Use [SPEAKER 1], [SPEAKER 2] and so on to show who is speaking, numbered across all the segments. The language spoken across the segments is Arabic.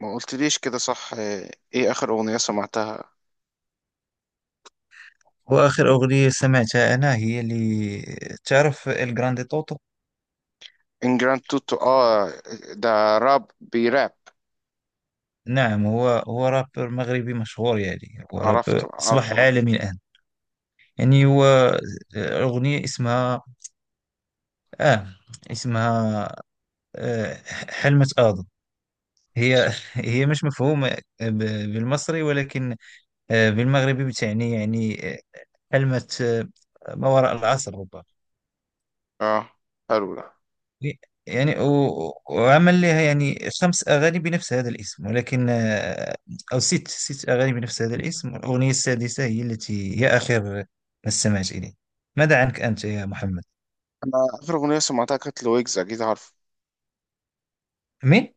[SPEAKER 1] ما قلتليش كده صح. ايه اخر اغنية سمعتها؟
[SPEAKER 2] وآخر أغنية سمعتها أنا هي اللي تعرف الجراندي طوطو؟
[SPEAKER 1] ان جراند توتو، اه. ده راب بيراب؟
[SPEAKER 2] نعم، هو رابر مغربي مشهور. يعني هو
[SPEAKER 1] عرفته،
[SPEAKER 2] رابر أصبح
[SPEAKER 1] عارفه.
[SPEAKER 2] عالمي الآن. يعني هو آه، أغنية اسمها آه اسمها آه حلمة آدم. هي هي مش مفهومة آه، ب- بالمصري، ولكن بالمغربي بتعني حلمة، ما وراء العصر ربما.
[SPEAKER 1] اه، حلو ده.
[SPEAKER 2] وعمل لها خمس أغاني بنفس هذا الاسم، ولكن آه، أو ست أغاني بنفس هذا الاسم، والأغنية السادسة هي التي هي آخر ما استمعت إليه. ماذا عنك أنت يا محمد؟
[SPEAKER 1] انا اخر اغنية سمعتها كانت لويجز، اكيد عارف.
[SPEAKER 2] مين؟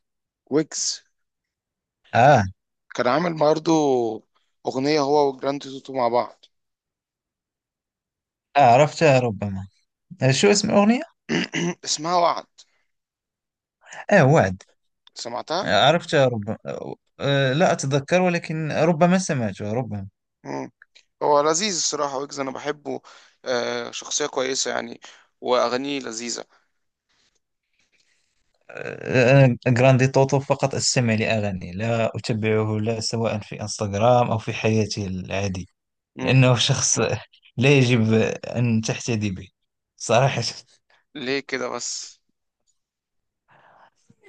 [SPEAKER 1] ويجز.
[SPEAKER 2] آه,
[SPEAKER 1] كان عامل برضه اغنية هو وجراند توتو مع بعض.
[SPEAKER 2] آه، عرفتها ربما. آه، شو اسم الأغنية؟
[SPEAKER 1] اسمها وعد.
[SPEAKER 2] آه، وعد.
[SPEAKER 1] سمعتها.
[SPEAKER 2] آه، عرفتها ربما. لا أتذكر، ولكن ربما سمعتها ربما.
[SPEAKER 1] مم. هو لذيذ الصراحة، ويجز انا بحبه. شخصية كويسة يعني. واغانيه لذيذة.
[SPEAKER 2] أنا جراندي توتو فقط أستمع لأغاني، لا أتبعه، لا سواء في انستغرام أو في حياتي العادية،
[SPEAKER 1] مم.
[SPEAKER 2] لأنه شخص لا يجب أن تحتدي به صراحة.
[SPEAKER 1] ليه كده بس؟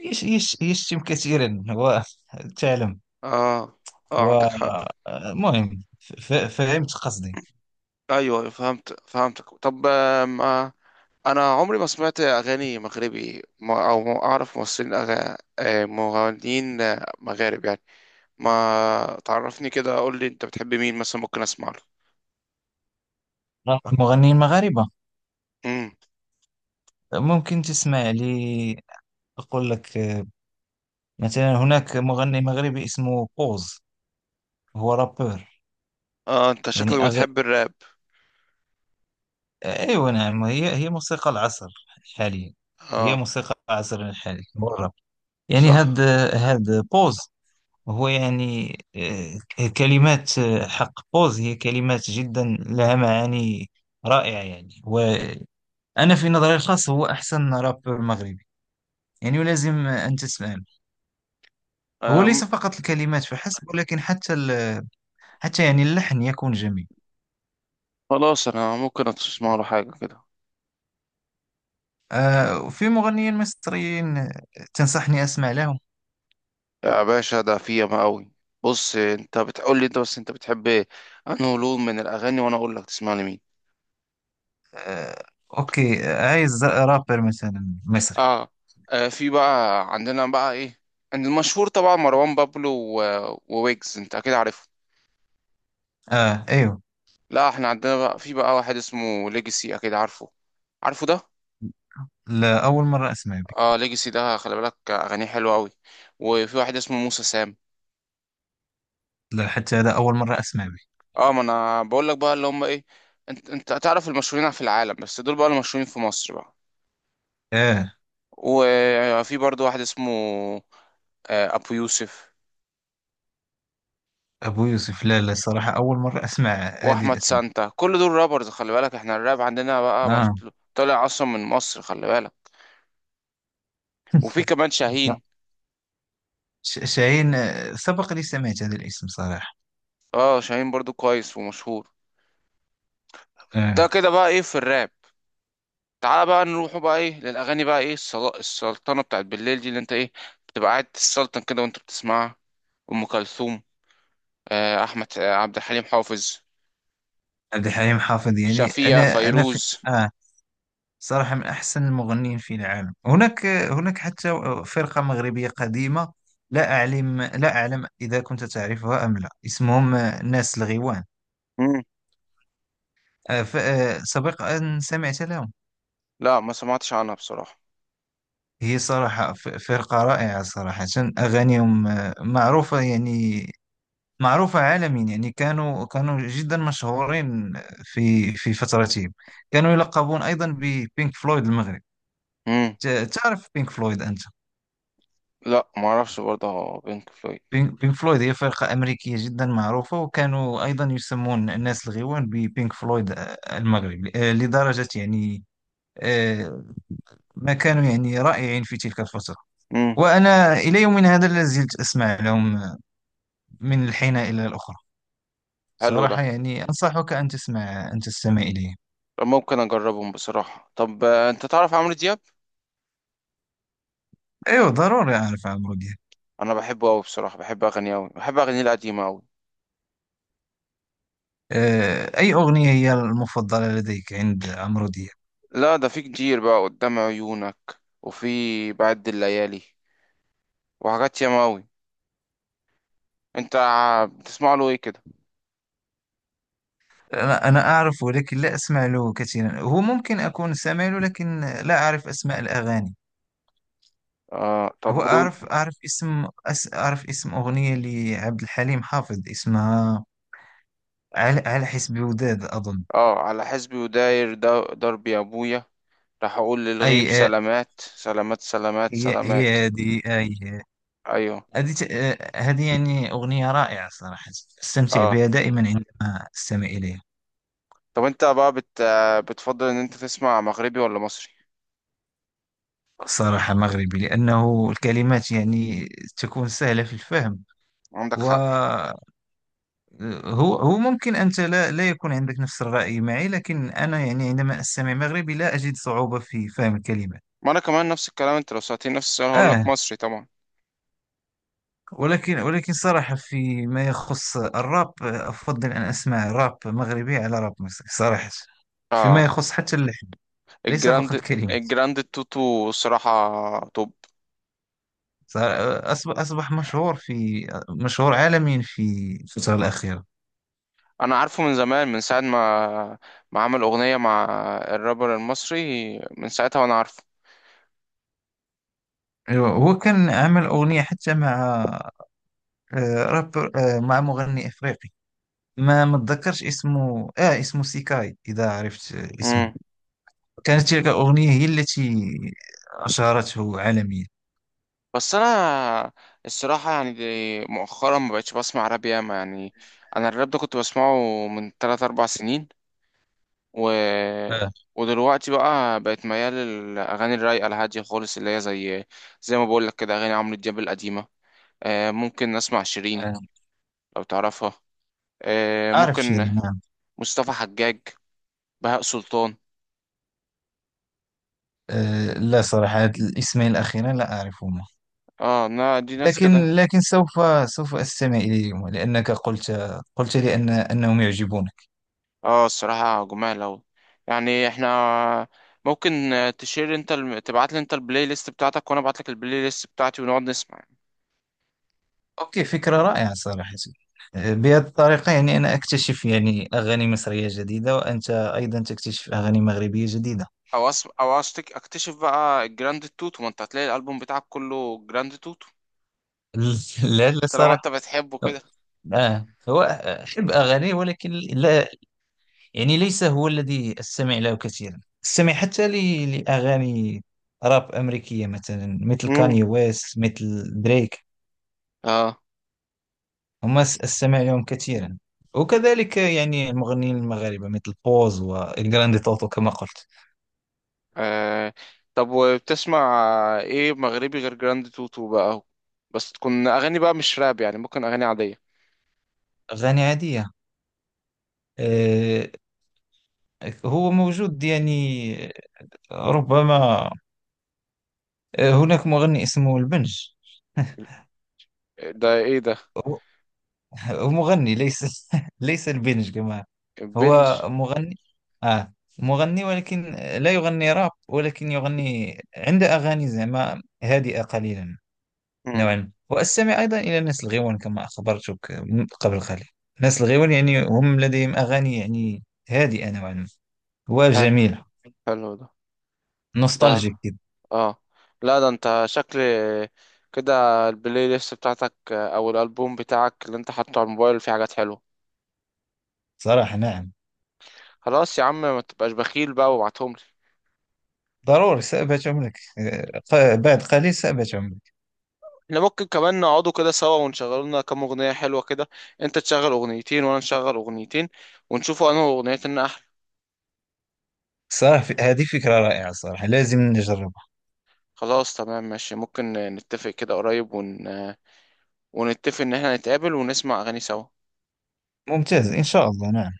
[SPEAKER 2] يش يش يشتم كثيرا وتعلم
[SPEAKER 1] اه، اه، عندك حق.
[SPEAKER 2] ومهم. فهمت قصدي.
[SPEAKER 1] ايوه، أيوة، فهمتك. طب، ما انا عمري ما سمعت اغاني مغربي، او ما اعرف ممثلين أغ... آه، مغنيين مغارب يعني. ما تعرفني كده، قول لي انت بتحب مين مثلا ممكن اسمع له.
[SPEAKER 2] المغنيين المغاربة
[SPEAKER 1] امم.
[SPEAKER 2] ممكن تسمع لي. أقول لك، مثلا هناك مغني مغربي اسمه قوز، هو رابر.
[SPEAKER 1] اه، انت
[SPEAKER 2] يعني
[SPEAKER 1] شكلك
[SPEAKER 2] أغ...
[SPEAKER 1] بتحب الراب.
[SPEAKER 2] أيوة، نعم هي هي موسيقى العصر حاليا. هي
[SPEAKER 1] اه.
[SPEAKER 2] موسيقى العصر الحالي هو الراب. يعني هاد
[SPEAKER 1] صح.
[SPEAKER 2] هاد بوز هو يعني، كلمات، حق بوز هي كلمات جدا لها معاني رائعة. يعني وأنا في نظري الخاص هو أحسن رابر مغربي. يعني ولازم أن تسمع له. هو
[SPEAKER 1] آم.
[SPEAKER 2] ليس فقط الكلمات فحسب، ولكن حتى يعني اللحن يكون جميل.
[SPEAKER 1] خلاص انا ممكن اسمع له حاجه كده.
[SPEAKER 2] في مغنيين مصريين تنصحني أسمع لهم؟
[SPEAKER 1] يا باشا ده في ياما قوي. بص، انت بتقول لي انت بس انت بتحب إيه؟ انه لون من الاغاني وانا اقول لك تسمع لمين.
[SPEAKER 2] آه، أوكي، عايز رابر مثلا مصري.
[SPEAKER 1] اه. في بقى عندنا بقى ايه، عند المشهور طبعا مروان بابلو وويجز، انت اكيد عارفه.
[SPEAKER 2] آه أيوه.
[SPEAKER 1] لا، احنا عندنا بقى في بقى واحد اسمه ليجاسي، اكيد عارفه. عارفه ده؟
[SPEAKER 2] لا، أول مرة أسمع به.
[SPEAKER 1] اه، ليجاسي ده خلي بالك اغانيه حلوه قوي. وفي واحد اسمه موسى سام.
[SPEAKER 2] لا، حتى هذا أول مرة أسمع به.
[SPEAKER 1] اه، ما انا بقول لك بقى اللي هم ايه. انت تعرف المشهورين في العالم، بس دول بقى المشهورين في مصر بقى.
[SPEAKER 2] آه،
[SPEAKER 1] وفي برضو واحد اسمه ابو يوسف.
[SPEAKER 2] أبو يوسف؟ لا، لا، الصراحة أول مرة أسمع هذه
[SPEAKER 1] واحمد
[SPEAKER 2] الأسماء.
[SPEAKER 1] سانتا، كل دول رابرز خلي بالك، احنا الراب عندنا بقى
[SPEAKER 2] آه.
[SPEAKER 1] طالع اصلا من مصر، خلي بالك. وفي كمان
[SPEAKER 2] لا.
[SPEAKER 1] شاهين.
[SPEAKER 2] شاهين، سبق لي سمعت هذا الاسم صراحة.
[SPEAKER 1] اه، شاهين برضو كويس ومشهور.
[SPEAKER 2] آه.
[SPEAKER 1] ده كده بقى ايه في الراب. تعال بقى نروحوا بقى ايه للاغاني بقى، ايه السلطنه بتاعت بالليل دي، اللي انت ايه بتبقى قاعد تسلطن كده وانت بتسمعها. ام كلثوم. آه، احمد، عبد الحليم حافظ.
[SPEAKER 2] عبد الحليم حافظ يعني
[SPEAKER 1] شفيقة،
[SPEAKER 2] أنا في
[SPEAKER 1] فيروز.
[SPEAKER 2] آه، صراحة من أحسن المغنيين في العالم. هناك هناك حتى فرقة مغربية قديمة، لا أعلم إذا كنت تعرفها أم لا، اسمهم ناس الغيوان.
[SPEAKER 1] مم.
[SPEAKER 2] سبق أن سمعت لهم.
[SPEAKER 1] لا، ما سمعتش عنها بصراحه.
[SPEAKER 2] هي صراحة فرقة رائعة صراحة. أغانيهم معروفة، يعني معروفة عالميا. يعني كانوا جدا مشهورين في فترتهم. كانوا يلقبون أيضا ببينك فلويد المغرب.
[SPEAKER 1] مم.
[SPEAKER 2] تعرف بينك فلويد أنت؟
[SPEAKER 1] لا، ما اعرفش برضه بينك فلويد.
[SPEAKER 2] بينك فلويد هي فرقة أمريكية جدا معروفة، وكانوا أيضا يسمون الناس الغيوان ببينك فلويد المغرب، لدرجة يعني، آه، ما كانوا يعني رائعين في تلك الفترة.
[SPEAKER 1] مم.
[SPEAKER 2] وأنا إلى يومنا هذا لا زلت أسمع لهم من الحين إلى الأخرى.
[SPEAKER 1] حلو ده.
[SPEAKER 2] صراحة يعني أنصحك أن تسمع، أن تستمع إليهم.
[SPEAKER 1] ممكن اجربهم بصراحه. طب، انت تعرف عمرو دياب.
[SPEAKER 2] أيوه، ضروري أعرف عمرو دياب.
[SPEAKER 1] انا بحبه قوي بصراحه، بحب اغانيه قوي، بحب اغانيه القديمه قوي.
[SPEAKER 2] أي أغنية هي المفضلة لديك عند عمرو دياب؟
[SPEAKER 1] لا، ده في كتير بقى، قدام عيونك. وفي بعد الليالي. وحاجات ياما قوي. انت بتسمع له ايه كده؟
[SPEAKER 2] أنا أعرف، ولكن لا أسمع له كثيرا. هو ممكن أكون سامع له، لكن لا أعرف أسماء الأغاني.
[SPEAKER 1] اه،
[SPEAKER 2] هو
[SPEAKER 1] طب
[SPEAKER 2] أعرف، أعرف اسم أغنية لعبد الحليم حافظ، اسمها على حسب وداد أظن.
[SPEAKER 1] اه، على حسبي وداير دربي يا ابويا. راح اقول للغيب
[SPEAKER 2] أي
[SPEAKER 1] سلامات سلامات سلامات
[SPEAKER 2] هي
[SPEAKER 1] سلامات.
[SPEAKER 2] هي هذه أي،
[SPEAKER 1] ايوه.
[SPEAKER 2] هذه ت- آه، هذه يعني أغنية رائعة صراحة. أستمتع
[SPEAKER 1] اه،
[SPEAKER 2] بها دائما عندما أستمع إليها.
[SPEAKER 1] طب انت بقى بت... آه، بتفضل ان انت تسمع مغربي ولا مصري؟
[SPEAKER 2] صراحة مغربي، لأنه الكلمات يعني تكون سهلة في الفهم.
[SPEAKER 1] عندك حق.
[SPEAKER 2] وهو هو ممكن أنت لا يكون عندك نفس الرأي معي، لكن أنا يعني عندما أستمع مغربي لا أجد صعوبة في فهم الكلمات.
[SPEAKER 1] ما انا كمان نفس الكلام، انت لو سألتني نفس السؤال هقول لك
[SPEAKER 2] آه.
[SPEAKER 1] مصري طبعا.
[SPEAKER 2] ولكن صراحة في ما يخص الراب، أفضل أن أسمع راب مغربي على راب مصري صراحة. فيما
[SPEAKER 1] آه.
[SPEAKER 2] يخص حتى اللحن، ليس
[SPEAKER 1] الجراند
[SPEAKER 2] فقط الكلمات.
[SPEAKER 1] الجراند توتو صراحة توب.
[SPEAKER 2] أصبح، مشهور في، مشهور عالميا في الفترة الأخيرة.
[SPEAKER 1] أنا عارفه من زمان، من ساعة ما عمل أغنية مع الرابر المصري، من ساعتها وأنا عارفه.
[SPEAKER 2] ايوه، هو كان عمل اغنيه حتى مع آه، رابر آه، مع مغني افريقي، ما اتذكرش اسمه. اه اسمه سيكاي، اذا عرفت اسمه.
[SPEAKER 1] مم.
[SPEAKER 2] كانت تلك الاغنيه هي التي اشهرته عالميا.
[SPEAKER 1] بس أنا الصراحة يعني دي مؤخرا ما بقتش بسمع راب ياما يعني. أنا الراب ده كنت بسمعه من 3 أربع سنين و...
[SPEAKER 2] آه.
[SPEAKER 1] ودلوقتي بقى بقت ميال للأغاني الرايقة الهادية خالص، اللي هي زي ما بقولك كده أغاني عمرو دياب القديمة. ممكن أسمع شيرين
[SPEAKER 2] آه.
[SPEAKER 1] لو تعرفها.
[SPEAKER 2] اعرف
[SPEAKER 1] ممكن.
[SPEAKER 2] شيرين، نعم.
[SPEAKER 1] مصطفى حجاج. بهاء سلطان.
[SPEAKER 2] آه. لا صراحه، هاد الاسمين الاخيرين لا اعرفهما،
[SPEAKER 1] اه، دي ناس كده.
[SPEAKER 2] لكن سوف استمع اليهما، لانك قلت لي ان انهم يعجبون.
[SPEAKER 1] اه، الصراحة جمال أوي. يعني احنا ممكن تشير انت تبعت لي انت البلاي ليست بتاعتك وانا ابعت لك البلاي ليست بتاعتي ونقعد نسمع يعني.
[SPEAKER 2] اوكي، فكرة رائعة صراحة. بهذه الطريقة يعني أنا أكتشف يعني أغاني مصرية جديدة، وأنت أيضا تكتشف أغاني مغربية جديدة.
[SPEAKER 1] او اكتشف بقى الجراند توتو، ما انت هتلاقي الالبوم بتاعك كله جراند توتو.
[SPEAKER 2] لا
[SPEAKER 1] طالما انت
[SPEAKER 2] صراحة.
[SPEAKER 1] بتحبه كده.
[SPEAKER 2] آه، هو أحب أغاني، ولكن لا يعني ليس هو الذي أستمع له كثيرا. أستمع حتى لأغاني راب أمريكية، مثلا مثل
[SPEAKER 1] مم.
[SPEAKER 2] كاني ويست، مثل دريك.
[SPEAKER 1] اه.
[SPEAKER 2] أستمع لهم كثيرا. وكذلك يعني المغنيين المغاربة مثل بوز والجراندي توتو كما قلت.
[SPEAKER 1] آه طب وبتسمع ايه مغربي غير جراند توتو بقى اهو؟ بس تكون اغاني بقى مش راب يعني، ممكن اغاني عادية.
[SPEAKER 2] أغاني عادية، آه، هو موجود يعني، ربما هناك مغني اسمه البنج.
[SPEAKER 1] ده ايه ده؟
[SPEAKER 2] هو هو مغني، ليس ليس البنج كما،
[SPEAKER 1] البنج.
[SPEAKER 2] هو مغني آه مغني، ولكن لا يغني راب، ولكن يغني عنده أغاني زعما هادئة قليلا
[SPEAKER 1] مم.
[SPEAKER 2] نوعا. وأستمع أيضا إلى ناس الغيوان كما أخبرتك من قبل قليل. ناس الغيوان يعني هم لديهم أغاني يعني هادئة نوعا ما،
[SPEAKER 1] حلو،
[SPEAKER 2] وجميلة.
[SPEAKER 1] حلو ده. ده.
[SPEAKER 2] نوستالجيك كده.
[SPEAKER 1] اه. لا، ده انت شكل كده البلاي ليست بتاعتك او الالبوم بتاعك اللي انت حاطه على الموبايل فيه حاجات حلوه.
[SPEAKER 2] صراحة نعم.
[SPEAKER 1] خلاص يا عم، ما تبقاش بخيل بقى وابعتهم لي.
[SPEAKER 2] ضروري سأبت عمرك بعد قليل سأبت عمرك.
[SPEAKER 1] احنا ممكن كمان نقعدوا كده سوا ونشغلوا لنا كام اغنيه حلوه كده. انت تشغل اغنيتين وانا نشغل اغنيتين، ونشوفوا انه اغنيتنا احلى.
[SPEAKER 2] صراحة هذه فكرة رائعة صراحة، لازم نجربها.
[SPEAKER 1] خلاص، تمام، ماشي. ممكن نتفق كده قريب ونتفق ان احنا نتقابل ونسمع اغاني سوا.
[SPEAKER 2] ممتاز، إن شاء الله نعم.